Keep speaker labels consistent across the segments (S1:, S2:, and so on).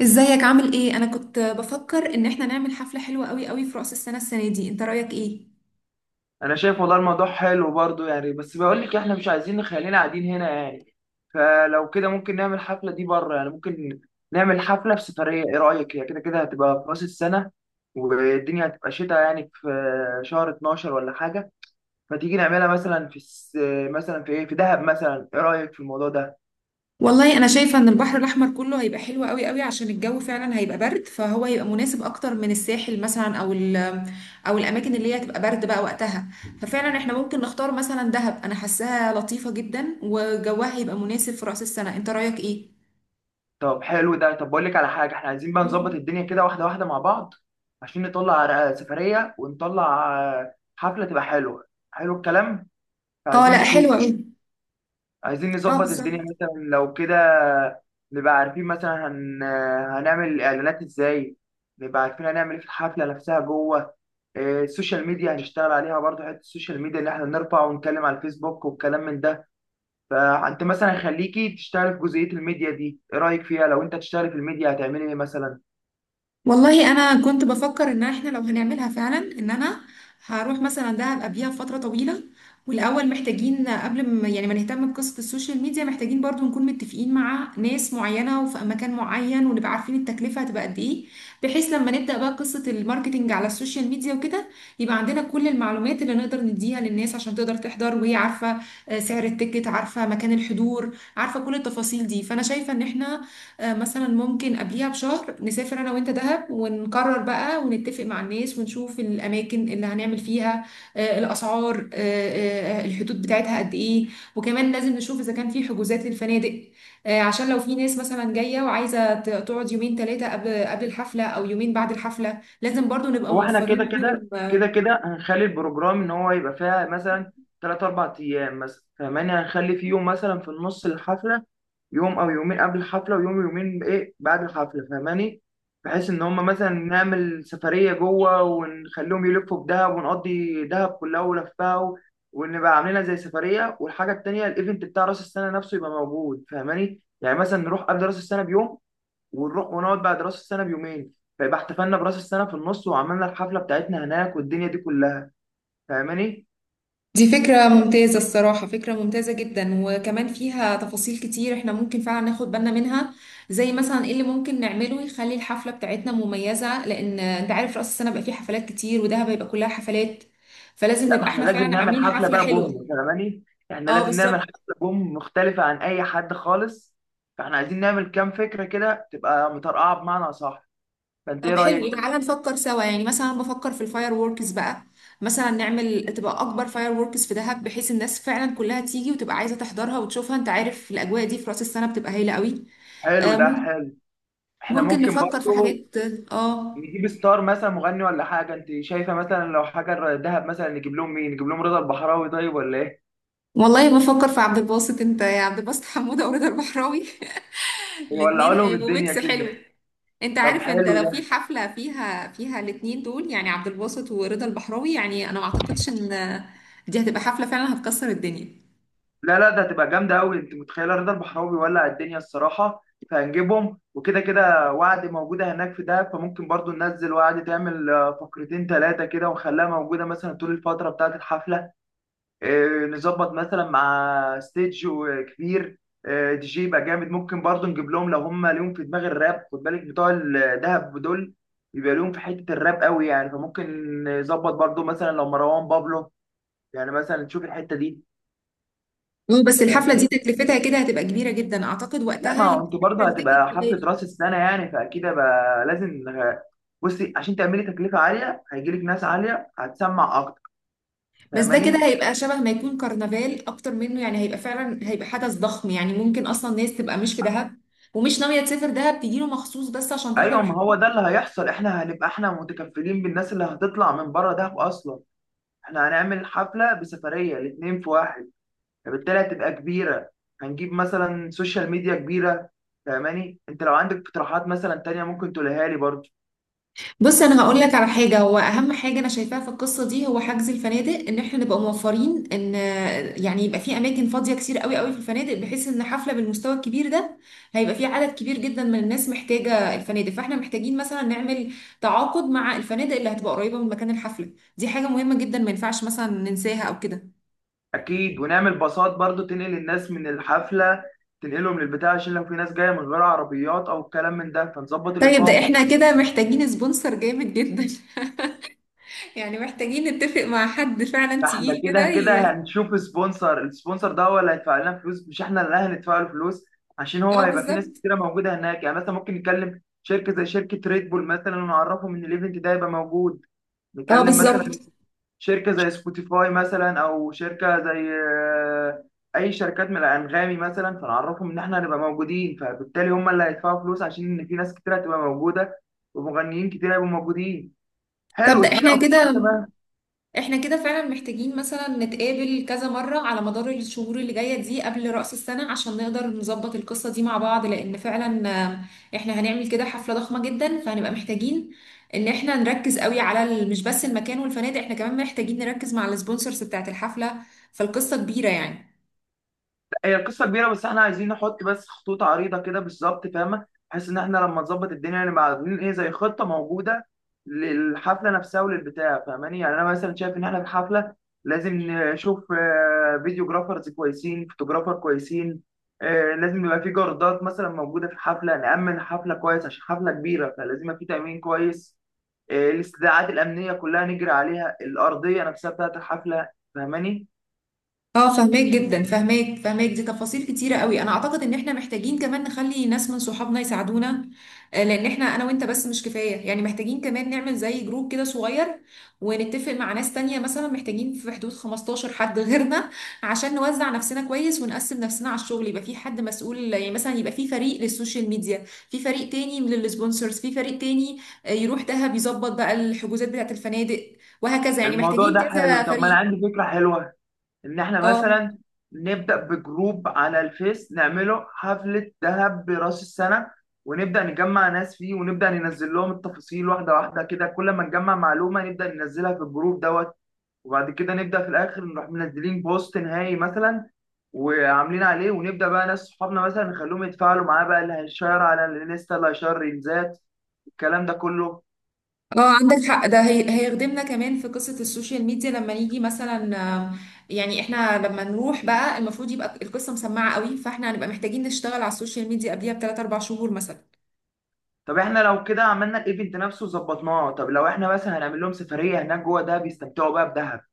S1: ازيك، عامل ايه؟ انا كنت بفكر ان احنا نعمل حفلة حلوة قوي قوي في رأس السنة، السنة دي. انت رأيك ايه؟
S2: انا شايف والله الموضوع حلو برضو يعني، بس بقول لك احنا مش عايزين، خلينا قاعدين هنا يعني. فلو كده ممكن نعمل الحفله دي بره، يعني ممكن نعمل حفله في سفريه. ايه رايك؟ هي كده كده هتبقى في راس السنه، والدنيا هتبقى شتاء، يعني في شهر 12 ولا حاجه. فتيجي نعملها مثلا في مثلا في ايه، في دهب مثلا. ايه رايك في الموضوع ده؟
S1: والله انا شايفة ان البحر الاحمر كله هيبقى حلو قوي قوي، عشان الجو فعلا هيبقى برد، فهو هيبقى مناسب اكتر من الساحل مثلا، او الاماكن اللي هي هتبقى برد بقى وقتها. ففعلا احنا ممكن نختار مثلا دهب. انا حاساها لطيفة جدا وجوها هيبقى مناسب في رأس السنة. انت رأيك ايه؟
S2: طب حلو ده. طب بقول لك على حاجه، احنا عايزين بقى نظبط
S1: مم.
S2: الدنيا كده واحده واحده مع بعض، عشان نطلع على سفريه ونطلع حفله تبقى حلوه. حلو الكلام.
S1: اه،
S2: عايزين
S1: لا،
S2: نشوف.
S1: حلوة قوي.
S2: عايزين
S1: اه،
S2: نظبط
S1: بالظبط.
S2: الدنيا مثلا لو كده، نبقى عارفين مثلا هنعمل الاعلانات ازاي، نبقى عارفين هنعمل ايه في الحفله نفسها جوه. إيه، السوشيال ميديا هنشتغل عليها برضه، حته السوشيال ميديا اللي احنا نرفع ونتكلم على الفيسبوك والكلام من ده. فانت مثلا خليكي تشتغل في جزئيه الميديا دي. ايه رايك فيها؟ لو انت تشتغل في الميديا هتعملي ايه مثلا؟
S1: والله انا كنت بفكر ان احنا لو هنعملها فعلا، ان انا هروح مثلا دهب قبليها فتره طويله. والاول محتاجين قبل ما، يعني، ما نهتم بقصه السوشيال ميديا، محتاجين برضو نكون متفقين مع ناس معينه وفي مكان معين، ونبقى عارفين التكلفه هتبقى قد ايه. بحيث لما نبدا بقى قصه الماركتينج على السوشيال ميديا وكده، يبقى عندنا كل المعلومات اللي نقدر نديها للناس عشان تقدر تحضر وهي عارفه. سعر التيكت، عارفه مكان الحضور، عارفه كل التفاصيل دي. فانا شايفه ان احنا مثلا ممكن قبليها بشهر نسافر انا وانت دهب، ونقرر بقى ونتفق مع الناس ونشوف الاماكن اللي هنعمل فيها، الاسعار، الحدود بتاعتها قد ايه. وكمان لازم نشوف اذا كان في حجوزات للفنادق، عشان لو في ناس مثلا جايه وعايزه تقعد يومين ثلاثه قبل الحفله او يومين بعد الحفله، لازم برضو نبقى
S2: هو احنا كده
S1: موفرين لهم
S2: كده
S1: آه،
S2: كده كده هنخلي البروجرام ان هو يبقى فيها مثلا 3 4 أيام مثلا، فاهماني؟ هنخلي في يوم مثلا في النص الحفله، يوم او يومين قبل الحفله، ويوم يومين ايه بعد الحفله، فاهماني؟ بحيث ان هم مثلا نعمل سفريه جوه ونخليهم يلفوا بدهب، ونقضي دهب كلها ولفها ونبقى عاملينها زي سفريه. والحاجه التانيه، الايفنت بتاع راس السنه نفسه يبقى موجود، فاهماني؟ يعني مثلا نروح قبل راس السنه بيوم، ونروح ونقعد بعد راس السنه بيومين. فيبقى احتفلنا براس السنه في النص، وعملنا الحفله بتاعتنا هناك، والدنيا دي كلها. فاهماني؟
S1: دي فكرة ممتازة الصراحة، فكرة ممتازة جدا، وكمان فيها تفاصيل كتير احنا ممكن فعلا ناخد بالنا منها، زي مثلا ايه اللي ممكن نعمله يخلي الحفلة بتاعتنا مميزة. لأن انت عارف رأس السنة بقى فيه حفلات كتير، ودهب هيبقى كلها حفلات. فلازم
S2: لا، ما
S1: نبقى
S2: احنا
S1: احنا
S2: لازم
S1: فعلا
S2: نعمل
S1: عاملين
S2: حفله
S1: حفلة
S2: بقى بوم،
S1: حلوة.
S2: فاهماني؟ احنا
S1: اه،
S2: لازم نعمل
S1: بالظبط.
S2: حفله بوم مختلفه عن اي حد خالص. فاحنا عايزين نعمل كام فكره كده تبقى مطرقعه بمعنى صح. فانت ايه
S1: طب حلو،
S2: رايك؟
S1: تعالى نفكر سوا، يعني مثلا بفكر في الفاير ووركس بقى. مثلا نعمل تبقى أكبر فاير ووركس في دهب، بحيث الناس فعلا كلها تيجي وتبقى عايزة تحضرها وتشوفها. انت عارف الأجواء دي في رأس السنة بتبقى هايلة قوي.
S2: حلو ده،
S1: آه،
S2: حلو. احنا
S1: ممكن
S2: ممكن
S1: نفكر في
S2: برضه
S1: حاجات. اه.
S2: نجيب ستار مثلا مغني ولا حاجه. انت شايفه مثلا، لو حاجه دهب مثلا نجيب لهم مين؟ نجيب لهم رضا البحراوي؟ طيب ولا ايه؟
S1: والله بفكر في عبد الباسط، انت يا عبد الباسط حمودة ورضا البحراوي. الاتنين
S2: ولا لهم
S1: هيبقوا
S2: الدنيا
S1: ميكس حلو.
S2: كده؟
S1: انت
S2: طب
S1: عارف، انت
S2: حلو
S1: لو
S2: ده.
S1: في حفلة فيها الاتنين دول، يعني عبد الباسط ورضا البحراوي، يعني انا ما اعتقدش ان دي هتبقى حفلة فعلا هتكسر الدنيا.
S2: لا لا، ده هتبقى جامده قوي. انت متخيله رضا البحراوي ولع الدنيا الصراحه؟ فهنجيبهم، وكده كده وعد موجوده هناك في دهب، فممكن برضو ننزل وعد تعمل فقرتين ثلاثه كده، ونخليها موجوده مثلا طول الفتره بتاعه الحفله. نظبط مثلا مع ستيج كبير. دي جي يبقى جامد. ممكن برضو نجيب لهم، لو هم ليهم في دماغ الراب، خد بالك بتوع الدهب دول بيبقى ليهم في حته الراب قوي يعني، فممكن نظبط برضو مثلا لو مروان بابلو. يعني مثلا نشوف الحته دي.
S1: بس الحفلة دي
S2: فاهمني؟
S1: تكلفتها كده هتبقى كبيرة جدا، اعتقد
S2: لا،
S1: وقتها
S2: ما هو
S1: يبقى
S2: انتوا برضه
S1: التيكت
S2: هتبقى حفلة
S1: غالي.
S2: راس السنة يعني، فأكيد بقى لازم. بصي، عشان تعملي تكلفة عالية هيجيلك ناس عالية هتسمع أكتر،
S1: بس ده كده
S2: فاهماني؟
S1: هيبقى شبه ما يكون كرنفال اكتر منه، يعني هيبقى فعلا، هيبقى حدث ضخم. يعني ممكن اصلا ناس تبقى مش في دهب ومش ناويه تسافر دهب، تجيله مخصوص بس عشان تحضر
S2: أيوة، ما
S1: الحفلة.
S2: هو ده اللي هيحصل. إحنا هنبقى إحنا متكفلين بالناس اللي هتطلع من بره دهب أصلا. إحنا هنعمل حفلة بسفرية، الاتنين في واحد، فبالتالي هتبقى كبيرة. هنجيب مثلا سوشيال ميديا كبيرة، فاهماني؟ أنت لو عندك اقتراحات مثلا تانية ممكن تقولها لي برضه.
S1: بص انا هقول لك على حاجه، هو اهم حاجه انا شايفاها في القصه دي هو حجز الفنادق. ان احنا نبقى موفرين، ان، يعني، يبقى في اماكن فاضيه كتير قوي قوي في الفنادق، بحيث ان حفله بالمستوى الكبير ده هيبقى في عدد كبير جدا من الناس محتاجه الفنادق. فاحنا محتاجين مثلا نعمل تعاقد مع الفنادق اللي هتبقى قريبه من مكان الحفله. دي حاجه مهمه جدا، ما ينفعش مثلا ننساها او كده.
S2: اكيد. ونعمل باصات برضو تنقل الناس من الحفله، تنقلهم للبتاع، عشان لو في ناس جايه من غير عربيات او الكلام من ده، فنظبط
S1: طيب، ده
S2: الاقامه.
S1: احنا كده محتاجين سبونسر جامد جدا. يعني محتاجين نتفق مع حد فعلا
S2: ده احنا
S1: تقيل
S2: كده
S1: كده
S2: كده
S1: ي...
S2: هنشوف سبونسر. السبونسر ده هو اللي هيدفع لنا فلوس، مش احنا اللي هندفع له فلوس، عشان هو
S1: اه،
S2: هيبقى في ناس
S1: بالظبط.
S2: كتيره موجوده هناك. يعني مثلا ممكن نتكلم شركه زي شركه ريد بول مثلا، ونعرفهم ان الايفنت ده هيبقى موجود.
S1: اه،
S2: نتكلم مثلا
S1: بالظبط.
S2: شركة زي سبوتيفاي مثلا، أو شركة زي أي شركات من الأنغامي مثلا، فنعرفهم إن إحنا هنبقى موجودين، فبالتالي هم اللي هيدفعوا فلوس، عشان إن في ناس كتير هتبقى موجودة ومغنيين كتير هيبقوا موجودين.
S1: طب
S2: حلو،
S1: ده
S2: اديني
S1: احنا
S2: أفكار.
S1: كده
S2: تمام.
S1: احنا كده فعلا محتاجين مثلا نتقابل كذا مرة على مدار الشهور اللي جاية دي قبل رأس السنة، عشان نقدر نظبط القصة دي مع بعض. لأن فعلا، احنا هنعمل كده حفلة ضخمة جدا، فهنبقى محتاجين ان احنا نركز قوي على مش بس المكان والفنادق، احنا كمان محتاجين نركز مع السبونسرز بتاعت الحفلة. فالقصة كبيرة يعني.
S2: هي القصه كبيره، بس احنا عايزين نحط بس خطوط عريضه كده بالظبط، فاهمه؟ بحيث ان احنا لما نظبط الدنيا نبقى عاملين ايه زي خطه موجوده للحفله نفسها وللبتاع، فاهماني؟ يعني انا مثلا شايف ان احنا في الحفله لازم نشوف فيديوجرافرز كويسين، فوتوجرافر كويسين. لازم يبقى في جاردات مثلا موجوده في الحفله، نامن الحفله كويس، عشان حفله كبيره فلازم يبقى في تامين كويس. الاستدعاءات الامنيه كلها نجري عليها، الارضيه نفسها بتاعت الحفله، فاهماني؟
S1: اه، فهماك جدا، فهماك. دي تفاصيل كتيرة قوي. انا اعتقد ان احنا محتاجين كمان نخلي ناس من صحابنا يساعدونا، لان احنا انا وانت بس مش كفاية. يعني محتاجين كمان نعمل زي جروب كده صغير، ونتفق مع ناس تانية مثلا. محتاجين في حدود 15 حد غيرنا، عشان نوزع نفسنا كويس ونقسم نفسنا على الشغل. يبقى في حد مسؤول، يعني مثلا يبقى في فريق للسوشيال ميديا، في فريق تاني للسبونسرز، في فريق تاني يروح دهب يظبط بقى الحجوزات بتاعت الفنادق، وهكذا. يعني
S2: الموضوع
S1: محتاجين
S2: ده حلو.
S1: كذا
S2: طب ما انا
S1: فريق.
S2: عندي فكره حلوه، ان احنا
S1: اه.
S2: مثلا نبدا بجروب على الفيس، نعمله حفله ذهب براس السنه، ونبدا نجمع ناس فيه، ونبدا ننزل لهم التفاصيل واحده واحده كده. كل ما نجمع معلومه نبدا ننزلها في الجروب دوت. وبعد كده نبدا في الاخر نروح منزلين بوست نهائي مثلا، وعاملين عليه، ونبدا بقى ناس صحابنا مثلا نخليهم يتفاعلوا معاه بقى. اللي هيشير على الانستا، اللي هيشير ريلزات، الكلام ده كله.
S1: اه، عندك حق. ده هيخدمنا كمان في قصة السوشيال ميديا، لما نيجي مثلا، يعني احنا لما نروح بقى، المفروض يبقى القصة مسمعة قوي. فاحنا هنبقى محتاجين نشتغل على السوشيال ميديا قبليها بثلاث اربع شهور مثلا.
S2: طب احنا لو كده عملنا الايفنت نفسه وظبطناه، طب لو احنا مثلا هنعمل لهم سفريه هناك جوه دهب يستمتعوا بقى بدهب،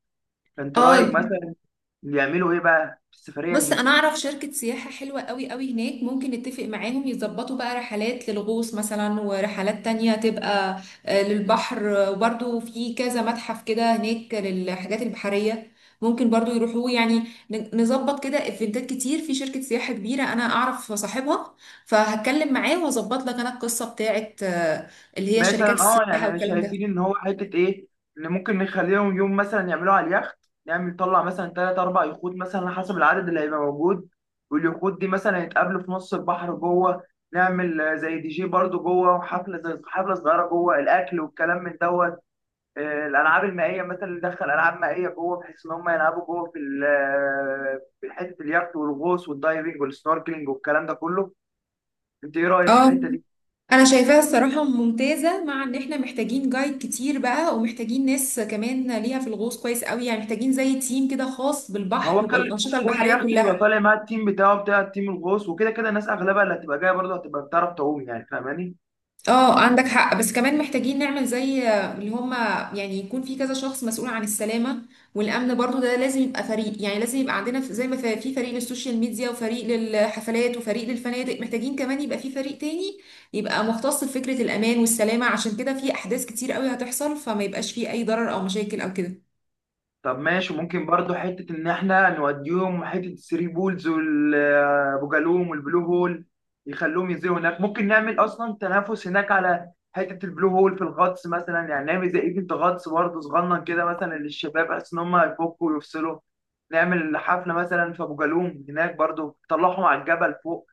S2: انت
S1: اه.
S2: رايك مثلا يعملوا ايه بقى في السفريه
S1: بص،
S2: دي؟
S1: انا اعرف شركة سياحة حلوة قوي قوي هناك، ممكن نتفق معاهم يظبطوا بقى رحلات للغوص مثلا، ورحلات تانية تبقى للبحر. وبرضو في كذا متحف كده هناك للحاجات البحرية، ممكن برضو يروحوا يعني. نظبط كده ايفنتات كتير في شركة سياحة كبيرة انا اعرف صاحبها، فهتكلم معاه واظبط لك انا القصة بتاعت اللي هي شركات
S2: مثلا اه،
S1: السياحة
S2: يعني
S1: والكلام
S2: شايفين
S1: ده.
S2: ان هو حته ايه، ان ممكن نخليهم يوم مثلا يعملوا على اليخت. نعمل طلع مثلا 3 4 يخوت مثلا على حسب العدد اللي هيبقى موجود، واليخوت دي مثلا يتقابلوا في نص البحر جوه. نعمل زي دي جي برضو جوه، وحفله زي حفله صغيره جوه، الاكل والكلام من دوت. الالعاب المائيه مثلا، ندخل العاب مائيه جوه، بحيث ان هم يلعبوا جوه في في حته اليخت، والغوص والدايفنج والسنوركلينج والكلام ده كله. انت ايه رايك في
S1: اه.
S2: الحته دي؟
S1: انا شايفاها الصراحة ممتازة، مع ان احنا محتاجين جايد كتير بقى، ومحتاجين ناس كمان ليها في الغوص كويس قوي. يعني محتاجين زي تيم كده خاص
S2: ما هو
S1: بالبحر
S2: كل
S1: وبالأنشطة
S2: كل
S1: البحرية
S2: يخت بيبقى
S1: كلها.
S2: طالع مع التيم بتاعه، بتاع التيم الغوص وكده كده. الناس اغلبها اللي هتبقى جايه برضه هتبقى بتعرف تعوم يعني، فاهماني؟
S1: اه، عندك حق، بس كمان محتاجين نعمل زي اللي هما، يعني يكون في كذا شخص مسؤول عن السلامة والأمن. برضو ده لازم يبقى فريق. يعني لازم يبقى عندنا زي ما في، في فريق للسوشيال ميديا وفريق للحفلات وفريق للفنادق، محتاجين كمان يبقى في فريق تاني يبقى مختص بفكرة الأمان والسلامة، عشان كده في أحداث كتير قوي هتحصل، فما يبقاش فيه أي ضرر أو مشاكل أو كده.
S2: طب ماشي. ممكن برضه حته ان احنا نوديهم حته الثري بولز والابو جالوم والبلو هول، يخلوهم ينزلوا هناك. ممكن نعمل اصلا تنافس هناك على حته البلو هول في الغطس مثلا، يعني نعمل زي ايفنت غطس برضه صغنن كده مثلا للشباب، بحيث ان هم يفكوا ويفصلوا. نعمل حفله مثلا في ابو جالوم هناك برضه، تطلعهم على الجبل فوق.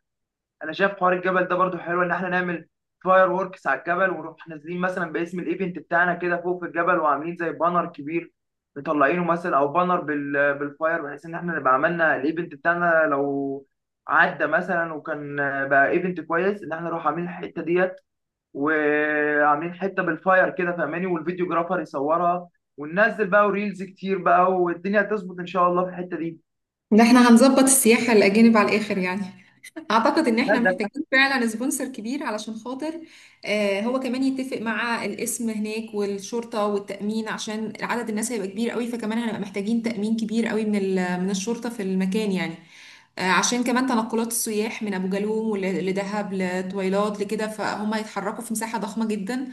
S2: انا شايف حوار الجبل ده برضو حلو، ان احنا نعمل فاير ووركس على الجبل، ونروح نازلين مثلا باسم الايفنت بتاعنا كده فوق في الجبل، وعاملين زي بانر كبير مطلعينه مثلا، او بانر بالفاير، بحيث ان احنا نبقى عملنا الايفنت بتاعنا. لو عدى مثلا وكان بقى ايفنت كويس ان احنا نروح عاملين الحته ديت، وعاملين حته بالفاير كده، فاهماني؟ والفيديو جرافر يصورها، وننزل بقى وريلز كتير بقى، والدنيا هتظبط ان شاء الله في الحته دي.
S1: ده احنا هنظبط السياحة الأجانب على الآخر يعني. اعتقد ان
S2: لا،
S1: احنا
S2: ده
S1: محتاجين فعلا سبونسر كبير، علشان خاطر هو كمان يتفق مع الاسم هناك والشرطة والتأمين، عشان عدد الناس هيبقى كبير قوي. فكمان هنبقى محتاجين تأمين كبير قوي من من الشرطة في المكان يعني. عشان كمان تنقلات السياح من ابو جالوم لدهب لطويلات لكده، فهم هيتحركوا في مساحة ضخمة جدا.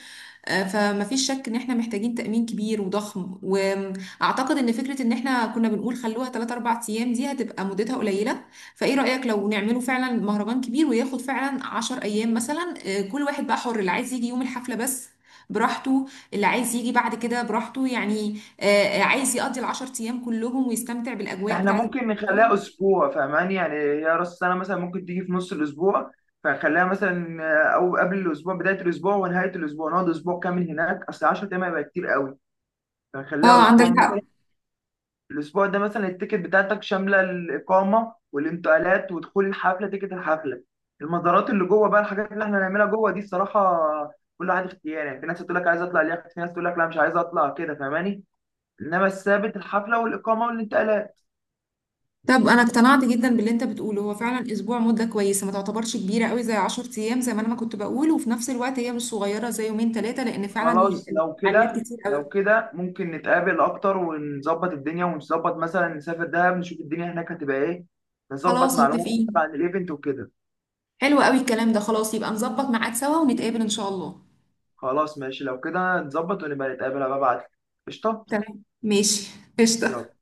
S1: فمفيش شك ان احنا محتاجين تأمين كبير وضخم. واعتقد ان فكرة ان احنا كنا بنقول خلوها 3 4 ايام دي هتبقى مدتها قليلة. فايه رأيك لو نعمله فعلا مهرجان كبير وياخد فعلا 10 ايام مثلا. كل واحد بقى حر، اللي عايز يجي يوم الحفلة بس براحته، اللي عايز يجي بعد كده براحته. يعني عايز يقضي العشر ايام كلهم ويستمتع بالاجواء
S2: احنا
S1: بتاعت...
S2: ممكن نخليها اسبوع فاهماني. يعني هي راس السنه مثلا ممكن تيجي في نص الاسبوع، فنخليها مثلا او قبل الاسبوع، بدايه الاسبوع ونهايه الاسبع، نقعد اسبوع كامل هناك، اصل 10 ايام هيبقى كتير قوي، فنخليها
S1: اه، عندك
S2: اسبوع
S1: حق.
S2: مثلا. الاسبوع ده مثلا التيكت بتاعتك شامله الاقامه والانتقالات ودخول الحفله، تيكت الحفله. المزارات اللي جوه بقى، الحاجات اللي احنا هنعملها جوه دي الصراحه كل واحد اختيار يعني. في ناس تقول لك عايز اطلع اليخت، في ناس تقول لك لا مش عايز اطلع كده، فاهماني؟ انما الثابت الحفله والاقامه والانتقالات.
S1: طب انا اقتنعت جدا باللي انت بتقوله. هو فعلا اسبوع مده كويسه، ما تعتبرش كبيره قوي زي 10 ايام زي ما انا ما كنت بقول، وفي نفس الوقت هي مش صغيره زي يومين ثلاثه، لان فعلا
S2: خلاص، لو
S1: الفعاليات
S2: كده
S1: كتير
S2: لو
S1: قوي.
S2: كده ممكن نتقابل اكتر، ونظبط الدنيا، ونظبط مثلا نسافر دهب نشوف الدنيا هناك هتبقى ايه، نظبط
S1: خلاص
S2: معلومات أكتر
S1: متفقين.
S2: عن الايفنت وكده.
S1: حلو قوي الكلام ده، خلاص يبقى نظبط ميعاد سوا ونتقابل ان شاء الله.
S2: خلاص ماشي، لو كده نظبط ونبقى نتقابل. أبقى ابعت. قشطه.
S1: تمام، ماشي. قشطه.
S2: يلا.